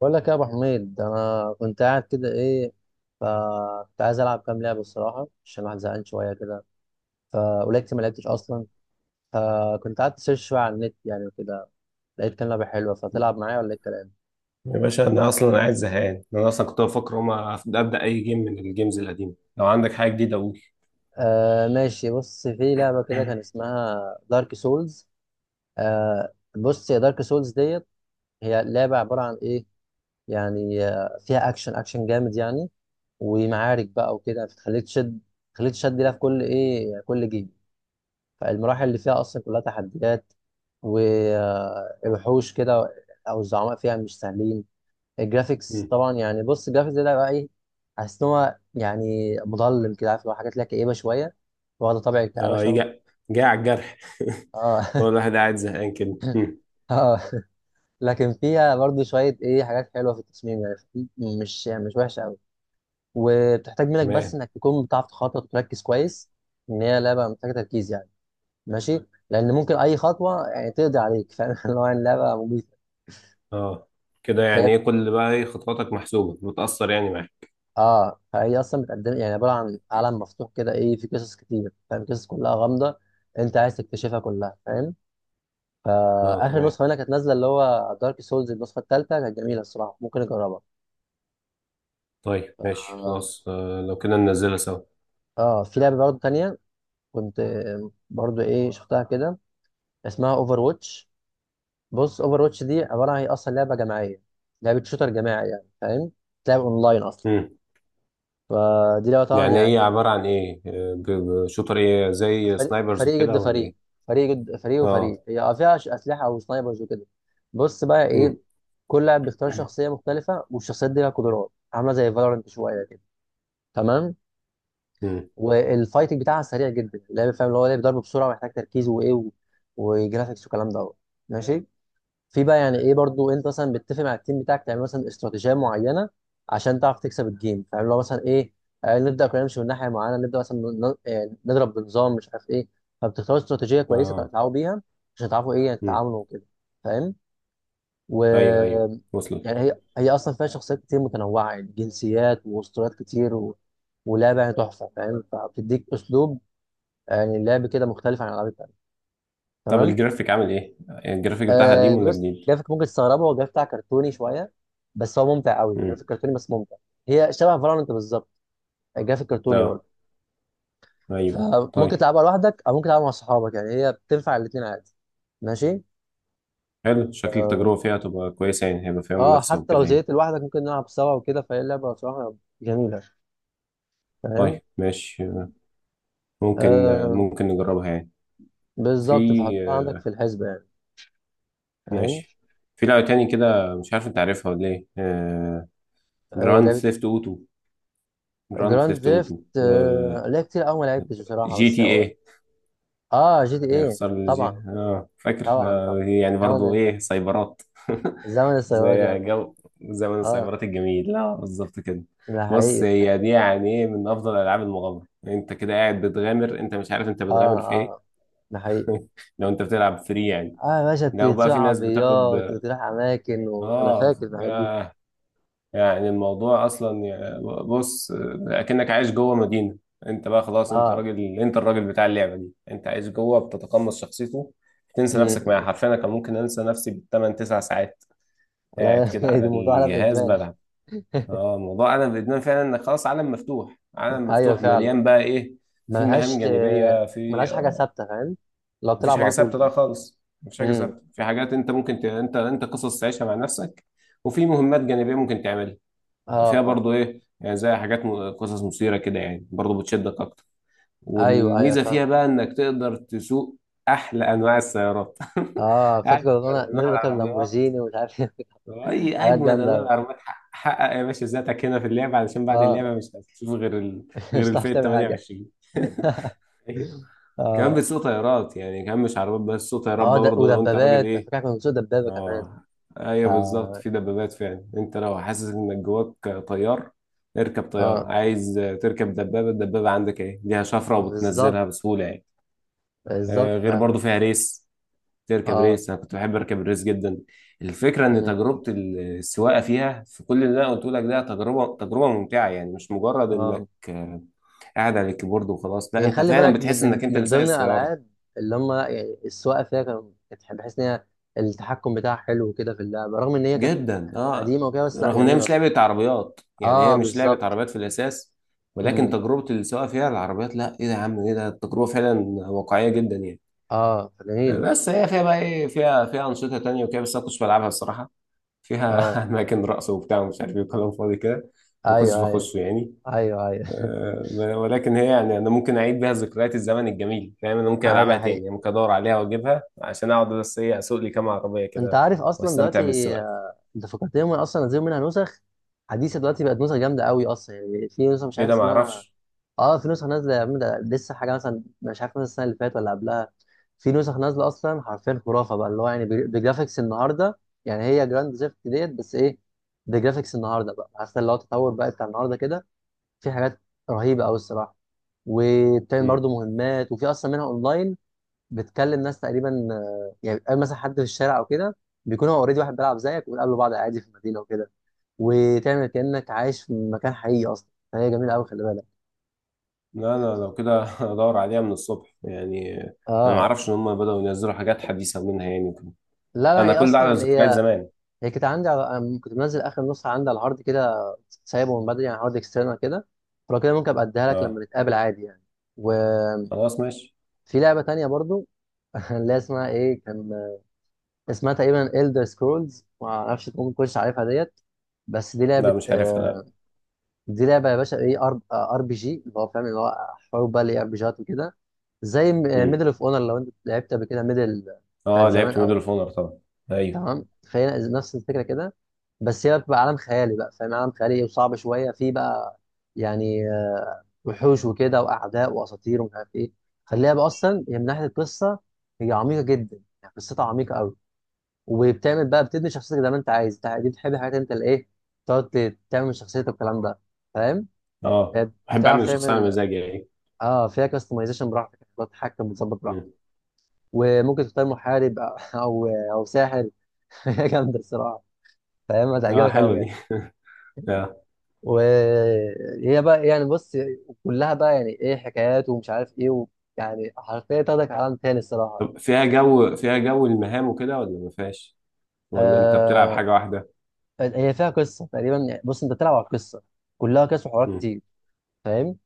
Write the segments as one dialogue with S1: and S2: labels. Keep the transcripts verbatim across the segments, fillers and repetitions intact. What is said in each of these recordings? S1: بقول لك يا ابو حميد انا كنت قاعد كده ايه. فكنت عايز العب كام لعبه الصراحه عشان الواحد زهقان شويه كده. فقلت ما لعبتش اصلا. فكنت قاعد سيرش شويه على النت يعني وكده. لقيت كام لعبه حلوه. فتلعب معايا ولا ايه الكلام؟
S2: يا باشا انا اصلا قاعد زهقان انا اصلا كنت بفكر هما ابدا اي جيم من الجيمز القديمه. لو عندك حاجه جديده قول.
S1: آه ماشي، بص في لعبه كده كان اسمها دارك سولز. آه بص يا دارك سولز ديت. هي لعبه عباره عن ايه؟ يعني آه، فيها اكشن اكشن جامد يعني. ومعارك بقى وكده فتخليك تشد. تخليك تشد لها في كل ايه كل جيم. فالمراحل اللي فيها اصلا كلها تحديات. ووحوش كده او الزعماء فيها مش سهلين. الجرافيكس
S2: مم.
S1: طبعا يعني بص الجرافيكس ده بقى ايه؟ حاسس ان هو يعني مظلم كده عارف اللي هو حاجات ليها كئيبه شويه. واخده طابع الكآبه
S2: اه
S1: شويه.
S2: يجي، جاي على الجرح.
S1: اه
S2: هو الواحد قاعد زهقان كده. مم.
S1: اه. لكن فيها برضو شويه ايه حاجات حلوه في التصميم يعني في- مش مش وحشه قوي. وبتحتاج منك بس
S2: تمام.
S1: انك تكون بتعرف تخطط وتركز كويس. ان هي لعبه محتاجه تركيز يعني. ماشي لان ممكن اي خطوه يعني تقضي عليك فاهم اللي هو يعني لعبه.
S2: اه كده
S1: فهي
S2: يعني ايه، كل بقى ايه خطواتك محسوبه بتاثر يعني معاك.
S1: اه فهي اصلا بتقدم يعني عباره عن عالم مفتوح كده ايه. في قصص كتير فاهم، قصص كلها غامضه. انت عايز تكتشفها كلها فاهم.
S2: اه
S1: فاخر
S2: تمام،
S1: نسخه منها كانت نازله اللي هو دارك سولز النسخه الثالثه كانت جميله الصراحه. ممكن اجربها.
S2: طيب ماشي
S1: اه
S2: خلاص. آه لو كده ننزلها سوا.
S1: آه، في لعبه برضه تانية. كنت آه، برضه ايه شفتها كده. اسمها اوفر واتش. بص اوفر واتش دي عباره عن هي اصلا لعبه جماعيه. لعبه شوتر جماعي يعني فاهم. تلعب اونلاين اصلا.
S2: مم.
S1: فدي لعبه طبعا
S2: يعني ايه،
S1: يعني
S2: عباره عن ايه؟ آه، ب- ب- شوتر ايه، زي
S1: فريق
S2: سنايبرز
S1: فريق ضد
S2: وكده ولا
S1: فريق.
S2: ايه؟
S1: فريق ضد فريق
S2: اه.
S1: وفريق هي يعني فيها ش- اسلحه او سنايبرز وكده. بص بقى ايه.
S2: مم.
S1: كل لاعب بيختار شخصيه مختلفه والشخصيات دي لها قدرات عامله زي فالورنت شويه كده. تمام.
S2: مم.
S1: والفايتنج بتاعها سريع جدا اللعب فاهم اللي هو لعب ضرب بسرعه ومحتاج تركيز وايه و... وجرافيكس والكلام دوت. ماشي. في بقى يعني ايه برضو انت مثلا بتتفق مع التيم بتاعك تعمل مثلا استراتيجيه معينه عشان تعرف تكسب الجيم فاهم. لو مثلا ايه آه، نبدا كلنا نمشي من ناحيه معينه، نبدا مثلا ن- آه، نضرب بنظام مش عارف ايه. فبتختاروا استراتيجيه كويسه
S2: اه.
S1: تتعاونوا بيها عشان تعرفوا ايه يعني
S2: مم.
S1: تتعاملوا وكده. فاهم. و...
S2: ايوه ايوه،
S1: يعني
S2: وصلت.
S1: هي هي اصلا فيها شخصيات كتير متنوعه يعني جنسيات واسطوريات كتير و... ولعبه يعني تحفه فاهم. فبتديك اسلوب آه، يعني لعب كده مختلف عن الالعاب التانيه.
S2: طب
S1: تمام.
S2: الجرافيك عامل ايه؟ الجرافيك بتاعها
S1: أه
S2: قديم ولا
S1: بص
S2: جديد؟
S1: جرافيك ممكن تستغربه. هو الجرافيك بتاع كرتوني شويه بس هو ممتع قوي.
S2: امم.
S1: جرافيك كرتوني بس ممتع. هي شبه فالورانت بالظبط. جرافيك كرتوني
S2: اه
S1: برضه.
S2: ايوه
S1: فممكن
S2: طيب.
S1: تلعبها لوحدك او ممكن تلعبها مع صحابك يعني هي بتنفع الاثنين عادي. ماشي.
S2: حلو، شكل
S1: اه
S2: التجربة فيها تبقى كويسة، يعني هيبقى فيها
S1: آه،
S2: منافسة
S1: حتى
S2: وكده
S1: لو
S2: يعني.
S1: زهقت لوحدك ممكن نلعب سوا وكده. فهي لعبه بصراحه جميله. فاهم.
S2: طيب ماشي، ممكن،
S1: آه
S2: ممكن نجربها يعني. في
S1: بالظبط. فحطها عندك في الحسبه يعني. فاهم.
S2: ماشي. في لعبة تاني كده، مش عارف انت عارفها ولا ايه؟
S1: آه
S2: جراند
S1: لعبه
S2: ثيفت
S1: ايه؟
S2: اوتو. جراند
S1: جراند
S2: ثيفت اوتو
S1: ثيفت آه لعبة كتير قوي ما لعبتش بصراحه
S2: جي
S1: بس.
S2: تي إيه.
S1: اه جي تي ايه.
S2: يخسر الجي،
S1: طبعا.
S2: اه فاكر.
S1: طبعا طبعا.
S2: آه هي يعني برضو ايه،
S1: طبعا.
S2: سايبرات.
S1: زمن السيارات يا
S2: زي
S1: مان.
S2: جو، زمن
S1: اه
S2: السايبرات الجميل، لا بالظبط كده.
S1: ده
S2: بص،
S1: حقيقي اه.
S2: هي دي يعني ايه من افضل العاب المغامره. انت كده قاعد بتغامر، انت مش عارف انت بتغامر في ايه.
S1: اه ده حقيقي.
S2: لو انت بتلعب فري يعني.
S1: اه يا باشا ت-
S2: لو بقى
S1: تسوق
S2: في ناس بتاخد،
S1: عربيات وتروح اماكن، وانا
S2: اه،
S1: فاكر الحاجات دي.
S2: آه، يعني الموضوع اصلا يا- بص، اكنك عايش جوه مدينه. انت بقى خلاص، انت
S1: اه.
S2: راجل، انت الراجل بتاع اللعبه دي، انت عايش جوه بتتقمص شخصيته. تنسى نفسك معاه
S1: امم.
S2: حرفيا، انا كان ممكن انسى نفسي بالثمان تسع ساعات قاعد
S1: لا
S2: كده
S1: ده
S2: على
S1: الموضوع ده
S2: الجهاز
S1: ادمان.
S2: بلعب. اه الموضوع انا بادمان فعلا، انك خلاص عالم مفتوح، عالم
S1: ايوه
S2: مفتوح
S1: فعلا.
S2: مليان بقى ايه، في مهام
S1: ملهاش آه،
S2: جانبيه، في
S1: ملهاش حاجه
S2: آه
S1: ثابته فاهم. لو
S2: مفيش
S1: بتلعب
S2: حاجه
S1: على
S2: ثابته
S1: طول
S2: ده
S1: ده.
S2: خالص. مفيش حاجه
S1: امم.
S2: ثابته، في حاجات انت ممكن ت... انت انت قصص تعيشها مع نفسك. وفي مهمات جانبيه ممكن تعملها.
S1: اه
S2: فيها
S1: اه.
S2: برضو ايه يعني، زي حاجات م- قصص مثيرة كده يعني، برضو بتشدك اكتر.
S1: ايوه ايوه
S2: والميزة فيها
S1: فاهم.
S2: بقى انك تقدر تسوق احلى انواع السيارات.
S1: اه
S2: اجمد
S1: فاكر كنا انا
S2: انواع
S1: نركب
S2: العربيات،
S1: لامبورجيني ومش عارف إيه.
S2: اي
S1: حاجات
S2: اجمد
S1: جامده
S2: انواع
S1: قوي.
S2: العربيات، حقق. حقق يا باشا ذاتك هنا في اللعبة، علشان بعد
S1: اه
S2: اللعبة مش هتشوف غير ال... غير
S1: مش هتعرف
S2: الفئة
S1: تعمل حاجه.
S2: ثمانية وعشرين. ايوه. كمان
S1: اه.
S2: بتسوق طيارات يعني، كمان مش عربيات بس، بتسوق طيارات
S1: اه ده
S2: برضه لو انت راجل
S1: ودبابات على
S2: ايه.
S1: فكره كنا بنسوق دبابه كمان.
S2: اه
S1: ف-
S2: ايوه بالظبط، في دبابات فعلا. انت لو حاسس انك جواك طيار اركب طيارة،
S1: اه
S2: عايز تركب دبابة، الدبابة عندك ايه ليها شفرة
S1: بالظبط.
S2: وبتنزلها بسهولة يعني. آه،
S1: بالظبط
S2: غير
S1: فعلا.
S2: برضو فيها ريس، تركب
S1: اه
S2: ريس، انا كنت بحب اركب الريس جدا. الفكرة ان
S1: م- م-
S2: تجربة السواقة فيها، في كل اللي انا قلته لك ده، تجربة تجربة ممتعة يعني، مش مجرد
S1: اه.
S2: انك آه، قاعد على الكيبورد وخلاص. لا
S1: يعني
S2: انت
S1: خلي
S2: فعلا
S1: بالك من
S2: بتحس
S1: من
S2: انك انت اللي
S1: من
S2: سايق
S1: ضمن
S2: السيارة.
S1: الالعاب اللي هم يعني السواقه فيها كانوا كانت بحيث ان هي التحكم بتاعها حلو كده في اللعبه. رغم ان هي كانت
S2: جدا اه.
S1: قديمه وكده بس لا
S2: رغم ان هي
S1: جميله
S2: مش
S1: صراحه.
S2: لعبه عربيات يعني، هي
S1: اه
S2: مش لعبه
S1: بالظبط.
S2: عربيات في الاساس، ولكن
S1: امم.
S2: تجربه السواقه فيها العربيات، لا ايه ده يا عم، ايه ده، التجربه فعلا واقعيه جدا يعني.
S1: اه
S2: آه،
S1: جميله.
S2: بس هي فيها بقى ايه، فيها فيها انشطه تانية وكده، بس انا ما كنتش بلعبها الصراحه.
S1: اه
S2: فيها اماكن رقص وبتاع ومش عارف ايه وكلام فاضي كده، ما كنتش
S1: ايوه ايوه.
S2: بخشه يعني.
S1: ايوه ايوه
S2: آه، ولكن هي يعني انا ممكن اعيد بيها ذكريات الزمن الجميل، فاهم، انا ممكن
S1: ايوه ده
S2: العبها تاني
S1: حقيقي.
S2: يعني، ممكن ادور عليها واجيبها عشان اقعد بس ايه، اسوق لي كام عربيه
S1: انت
S2: كده
S1: عارف اصلا
S2: واستمتع
S1: دلوقتي
S2: بالسواقه.
S1: آه، انت فكرتني هم اصلا نزلوا منها نسخ حديثه دلوقتي. بقت نسخ جامده قوي اصلا يعني. في نسخه مش
S2: ايه
S1: عارف
S2: ده، ما
S1: اسمها.
S2: اعرفش.
S1: اه في نسخ نازله يا عم. ده لسه حاجه مثلا مش عارف مثلا السنه اللي فاتت ولا قبلها في نسخ نازله اصلا. حرفيا خرافه بقى اللي هو يعني بجر- بجرافيكس النهارده. يعني هي جراند ثيفت ديت بس ايه بجرافيكس النهارده. بقى عارف اللي هو التطور بقى بتاع النهارده كده. في حاجات رهيبه قوي الصراحه. وبتعمل برضه مهمات. وفي اصلا منها اونلاين. بتكلم ناس تقريبا آه، يعني بتقابل مثلا حد في الشارع او كده، بيكون هو اوريدي واحد بيلعب زيك، وبتقابلوا بعض عادي في المدينه وكده وتعمل كانك عايش في مكان حقيقي اصلا. فهي جميله قوي خلي بالك.
S2: لا انا لو كده ادور عليها من الصبح يعني. انا ما
S1: اه.
S2: اعرفش ان هم بدأوا ينزلوا حاجات حديثة منها يعني وكده.
S1: لا لا.
S2: انا
S1: هي
S2: كل ده
S1: اصلا
S2: على
S1: يعني
S2: ذكريات
S1: هي
S2: زمان.
S1: هي كانت عندي على... كنت منزل اخر نسخه عندي على الهارد كده، سايبه من بدري يعني هارد اكسترنال كده. فلو كده ممكن ابقى اديها لك
S2: اه
S1: لما نتقابل عادي يعني. وفي
S2: خلاص ماشي.
S1: لعبه تانية برضو اللي هي اسمها ايه كان؟ اسمها تقريبا Elder Scrolls ما اعرفش ممكن تكونش عارفها ديت. بس دي لعبه
S2: لا مش عارفها لا.
S1: آه، دي لعبه يا باشا ايه ار ار بي جي اللي هو فاهم، اللي هو حروب بقى اللي ار بي جيات وكده. زي ميدل
S2: امم.
S1: اوف اونر لو انت لعبت قبل كده ميدل بتاعت
S2: اه
S1: زمان
S2: لعبت ميدل
S1: او.
S2: اوف اونر طبعا. ايوه.
S1: تمام. فهي نفس الفكره كده. بس هي بتبقى عالم خيالي بقى فاهم، عالم خيالي وصعب شويه فيه بقى. يعني آه، وحوش وكده واعداء واساطير ومش عارف ايه. خليها بقى. اصلا هي من ناحيه القصه هي عميقه جدا يعني. قصتها عميقه قوي. وبتعمل بقى بتبني شخصيتك زي ما انت عايز انت. دي بتحب حاجات انت الايه تقعد ت- تعمل من شخصيتك والكلام ده. فاهم.
S2: اه
S1: هي
S2: بحب اعمل
S1: بتعرف
S2: الشخصية على
S1: تعمل.
S2: مزاجي يعني.
S1: اه فيها كاستمايزيشن براحتك بتقعد تتحكم وتظبط براحتك.
S2: مم.
S1: وممكن تختار محارب او او أو ساحر هي جامده الصراحه. فاهم
S2: اه
S1: هتعجبك
S2: حلوة
S1: قوي يعني.
S2: دي. آه.
S1: وهي بقى يعني بص كلها بقى يعني ايه حكايات ومش عارف ايه و... يعني حرفيا تاخدك عالم تاني الصراحه.
S2: طب فيها جو، فيها جو المهام وكده ولا ما فيهاش؟ ولا انت بتلعب
S1: آه...
S2: حاجة واحدة؟
S1: هي فيها قصه تقريبا يعني. بص انت بتلعب على القصه كلها. قصص وحوارات
S2: امم.
S1: كتير فاهم.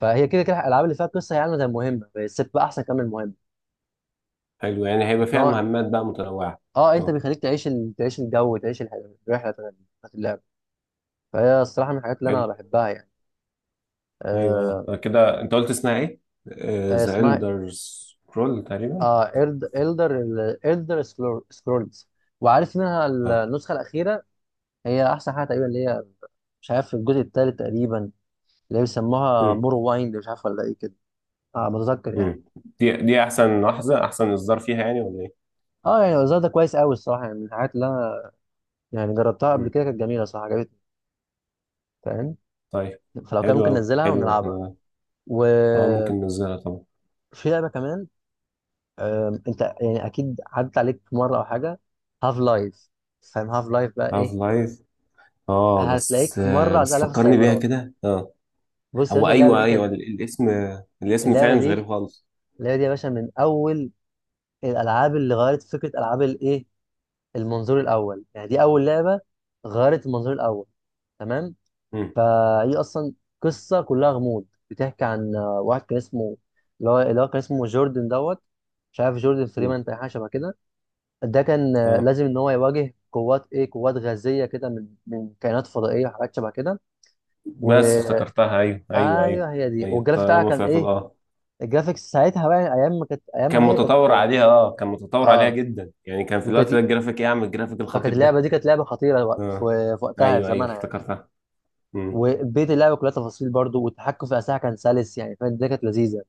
S1: فهي كده كده الالعاب اللي فيها قصه هي عامله زي المهمه بس بتبقى احسن كمان من المهمه.
S2: حلو يعني
S1: ان
S2: هيبقى فيها
S1: هو
S2: مهمات بقى متنوعة.
S1: اه انت
S2: اه.
S1: بيخليك تعيش ال... تعيش الجو تعيش الح- الرحله بتاعت اللعب. فهي الصراحه من الحاجات اللي
S2: حلو.
S1: انا بحبها يعني.
S2: ايوه
S1: آه...
S2: آه، كده انت قلت اسمها ايه؟
S1: آه،
S2: ذا
S1: اسمها
S2: إلدر سكرول تقريبا.
S1: اه إلد- إلدر ال- إلدر سكرول- سكرولز. وعارف منها
S2: اه.
S1: النسخة الأخيرة. هي أحسن حاجة تقريبا اللي هي. مش عارف في الجزء الثالث تقريبا اللي هي بيسموها
S2: مم.
S1: مور وايند مش عارف ولا إيه كده. اه بتذكر يعني.
S2: مم. دي دي احسن لحظة احسن اصدار فيها يعني ولا ايه؟
S1: اه يعني الوزارة ده كويس قوي الصراحة يعني من الحاجات اللي أنا يعني جربتها قبل
S2: مم.
S1: كده كانت جميلة صراحة عجبتني. فاهم.
S2: طيب.
S1: فلو كان
S2: حلو
S1: ممكن
S2: قوي،
S1: ننزلها
S2: حلو.
S1: ونلعبها.
S2: احنا اه ممكن
S1: وفي
S2: ننزلها طبعا.
S1: لعبة كمان. آم، أنت يعني أكيد عدت عليك مرة أو حاجة. هاف لايف. فاهم هاف لايف بقى
S2: هاف
S1: إيه.
S2: لايف. اه بس
S1: هتلاقيك
S2: آه
S1: مرة عدت
S2: بس
S1: عليها في
S2: فكرني بيها
S1: السايبرات.
S2: كده، اه.
S1: بص يا
S2: هو
S1: باشا اللعبة
S2: ايوه
S1: دي كانت.
S2: ايوه، ال- الاسم، الاسم
S1: اللعبه
S2: فعلا مش غريب
S1: دي
S2: خالص.
S1: اللعبه دي يا باشا من اول الالعاب اللي غيرت فكره العاب الايه المنظور الاول. يعني دي اول لعبه غيرت المنظور الاول. تمام.
S2: مم.
S1: فهي اصلا قصه كلها غموض بتحكي عن آه، واحد كان اسمه اللي هو اللي هو كان اسمه جوردن دوت مش عارف جوردن
S2: مم.
S1: فريمان تقريبا حاجه شبه كده. ده كان آه،
S2: اه
S1: لازم ان هو يواجه قوات ايه قوات غازيه كده من من كائنات فضائيه وحاجات شبه كده. و
S2: بس افتكرتها، ايوه ايوه ايوه.
S1: ايوه هي دي.
S2: ايوه
S1: والجرافيك بتاعها
S2: طالما
S1: كان
S2: فيها في
S1: ايه
S2: اه.
S1: الجرافيكس ساعتها بقى. ايام ما كانت
S2: كان
S1: ايامها هي
S2: متطور
S1: كانت.
S2: عليها، اه كان متطور عليها
S1: اه
S2: جدا يعني، كان في الوقت ده
S1: وكانت.
S2: الجرافيك ايه، عم الجرافيك
S1: فكانت
S2: الخطير ده.
S1: اللعبه دي كانت لعبه خطيره وق-
S2: اه
S1: في في وقتها في
S2: ايوه ايوه
S1: زمانها يعني.
S2: افتكرتها. امم.
S1: وبيت اللعبه كلها تفاصيل برضو. والتحكم في الاسلحه كان سلس يعني فاهم. دي كانت لذيذه.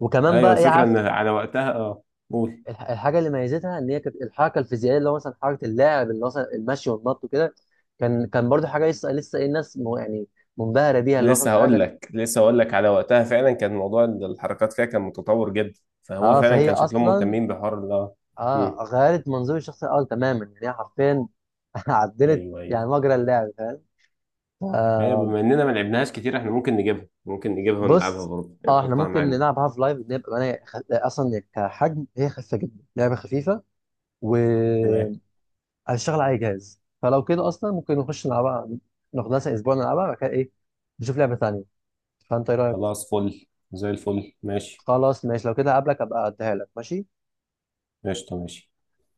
S1: وكمان
S2: ايوه
S1: بقى ايه
S2: الفكره
S1: عارف
S2: ان على وقتها، اه قول.
S1: الح- الحاجه اللي ميزتها ان هي كانت الحركه الفيزيائيه اللي هو مثلا حركه اللاعب اللي هو مثلا المشي والنط وكده. كان كان برضو حاجه لسه لسه ايه الناس م- يعني منبهره بيها اللي هو فاهم
S2: لسه
S1: حاجه
S2: هقول
S1: كانت-
S2: لك لسه هقول لك على وقتها فعلا كان موضوع الحركات فيها كان متطور جدا، فهو
S1: اه
S2: فعلا
S1: فهي
S2: كان شكلهم
S1: اصلا
S2: مهتمين بحوار ال اه. امم.
S1: اه غيرت منظور الشخص الاول تماما يعني. هي حرفيا عدلت
S2: ايوه ايوه
S1: يعني مجرى اللعب.
S2: ايوه،
S1: فاهم.
S2: بما اننا ما لعبناها كتير احنا ممكن نجيبها، ممكن نجيبها ونلعبها
S1: بص
S2: برضه يعني،
S1: اه احنا
S2: نحطها
S1: ممكن
S2: معانا.
S1: نلعب هاف لايف نبقى انا خ... اصلا كحجم هي خفيفه جدا لعبه خفيفه
S2: تمام.
S1: وهتشتغل على اي جهاز. فلو كده اصلا ممكن نخش نلعبها. ناخدها مثلا اسبوع نلعبها بعد كده ايه. نشوف لعبه ثانيه. فانت ايه رايك؟
S2: خلاص فل، زي الفل ماشي.
S1: خلاص ماشي لو كده هقابلك ابقى اديها لك ماشي.
S2: قشطه ماشي.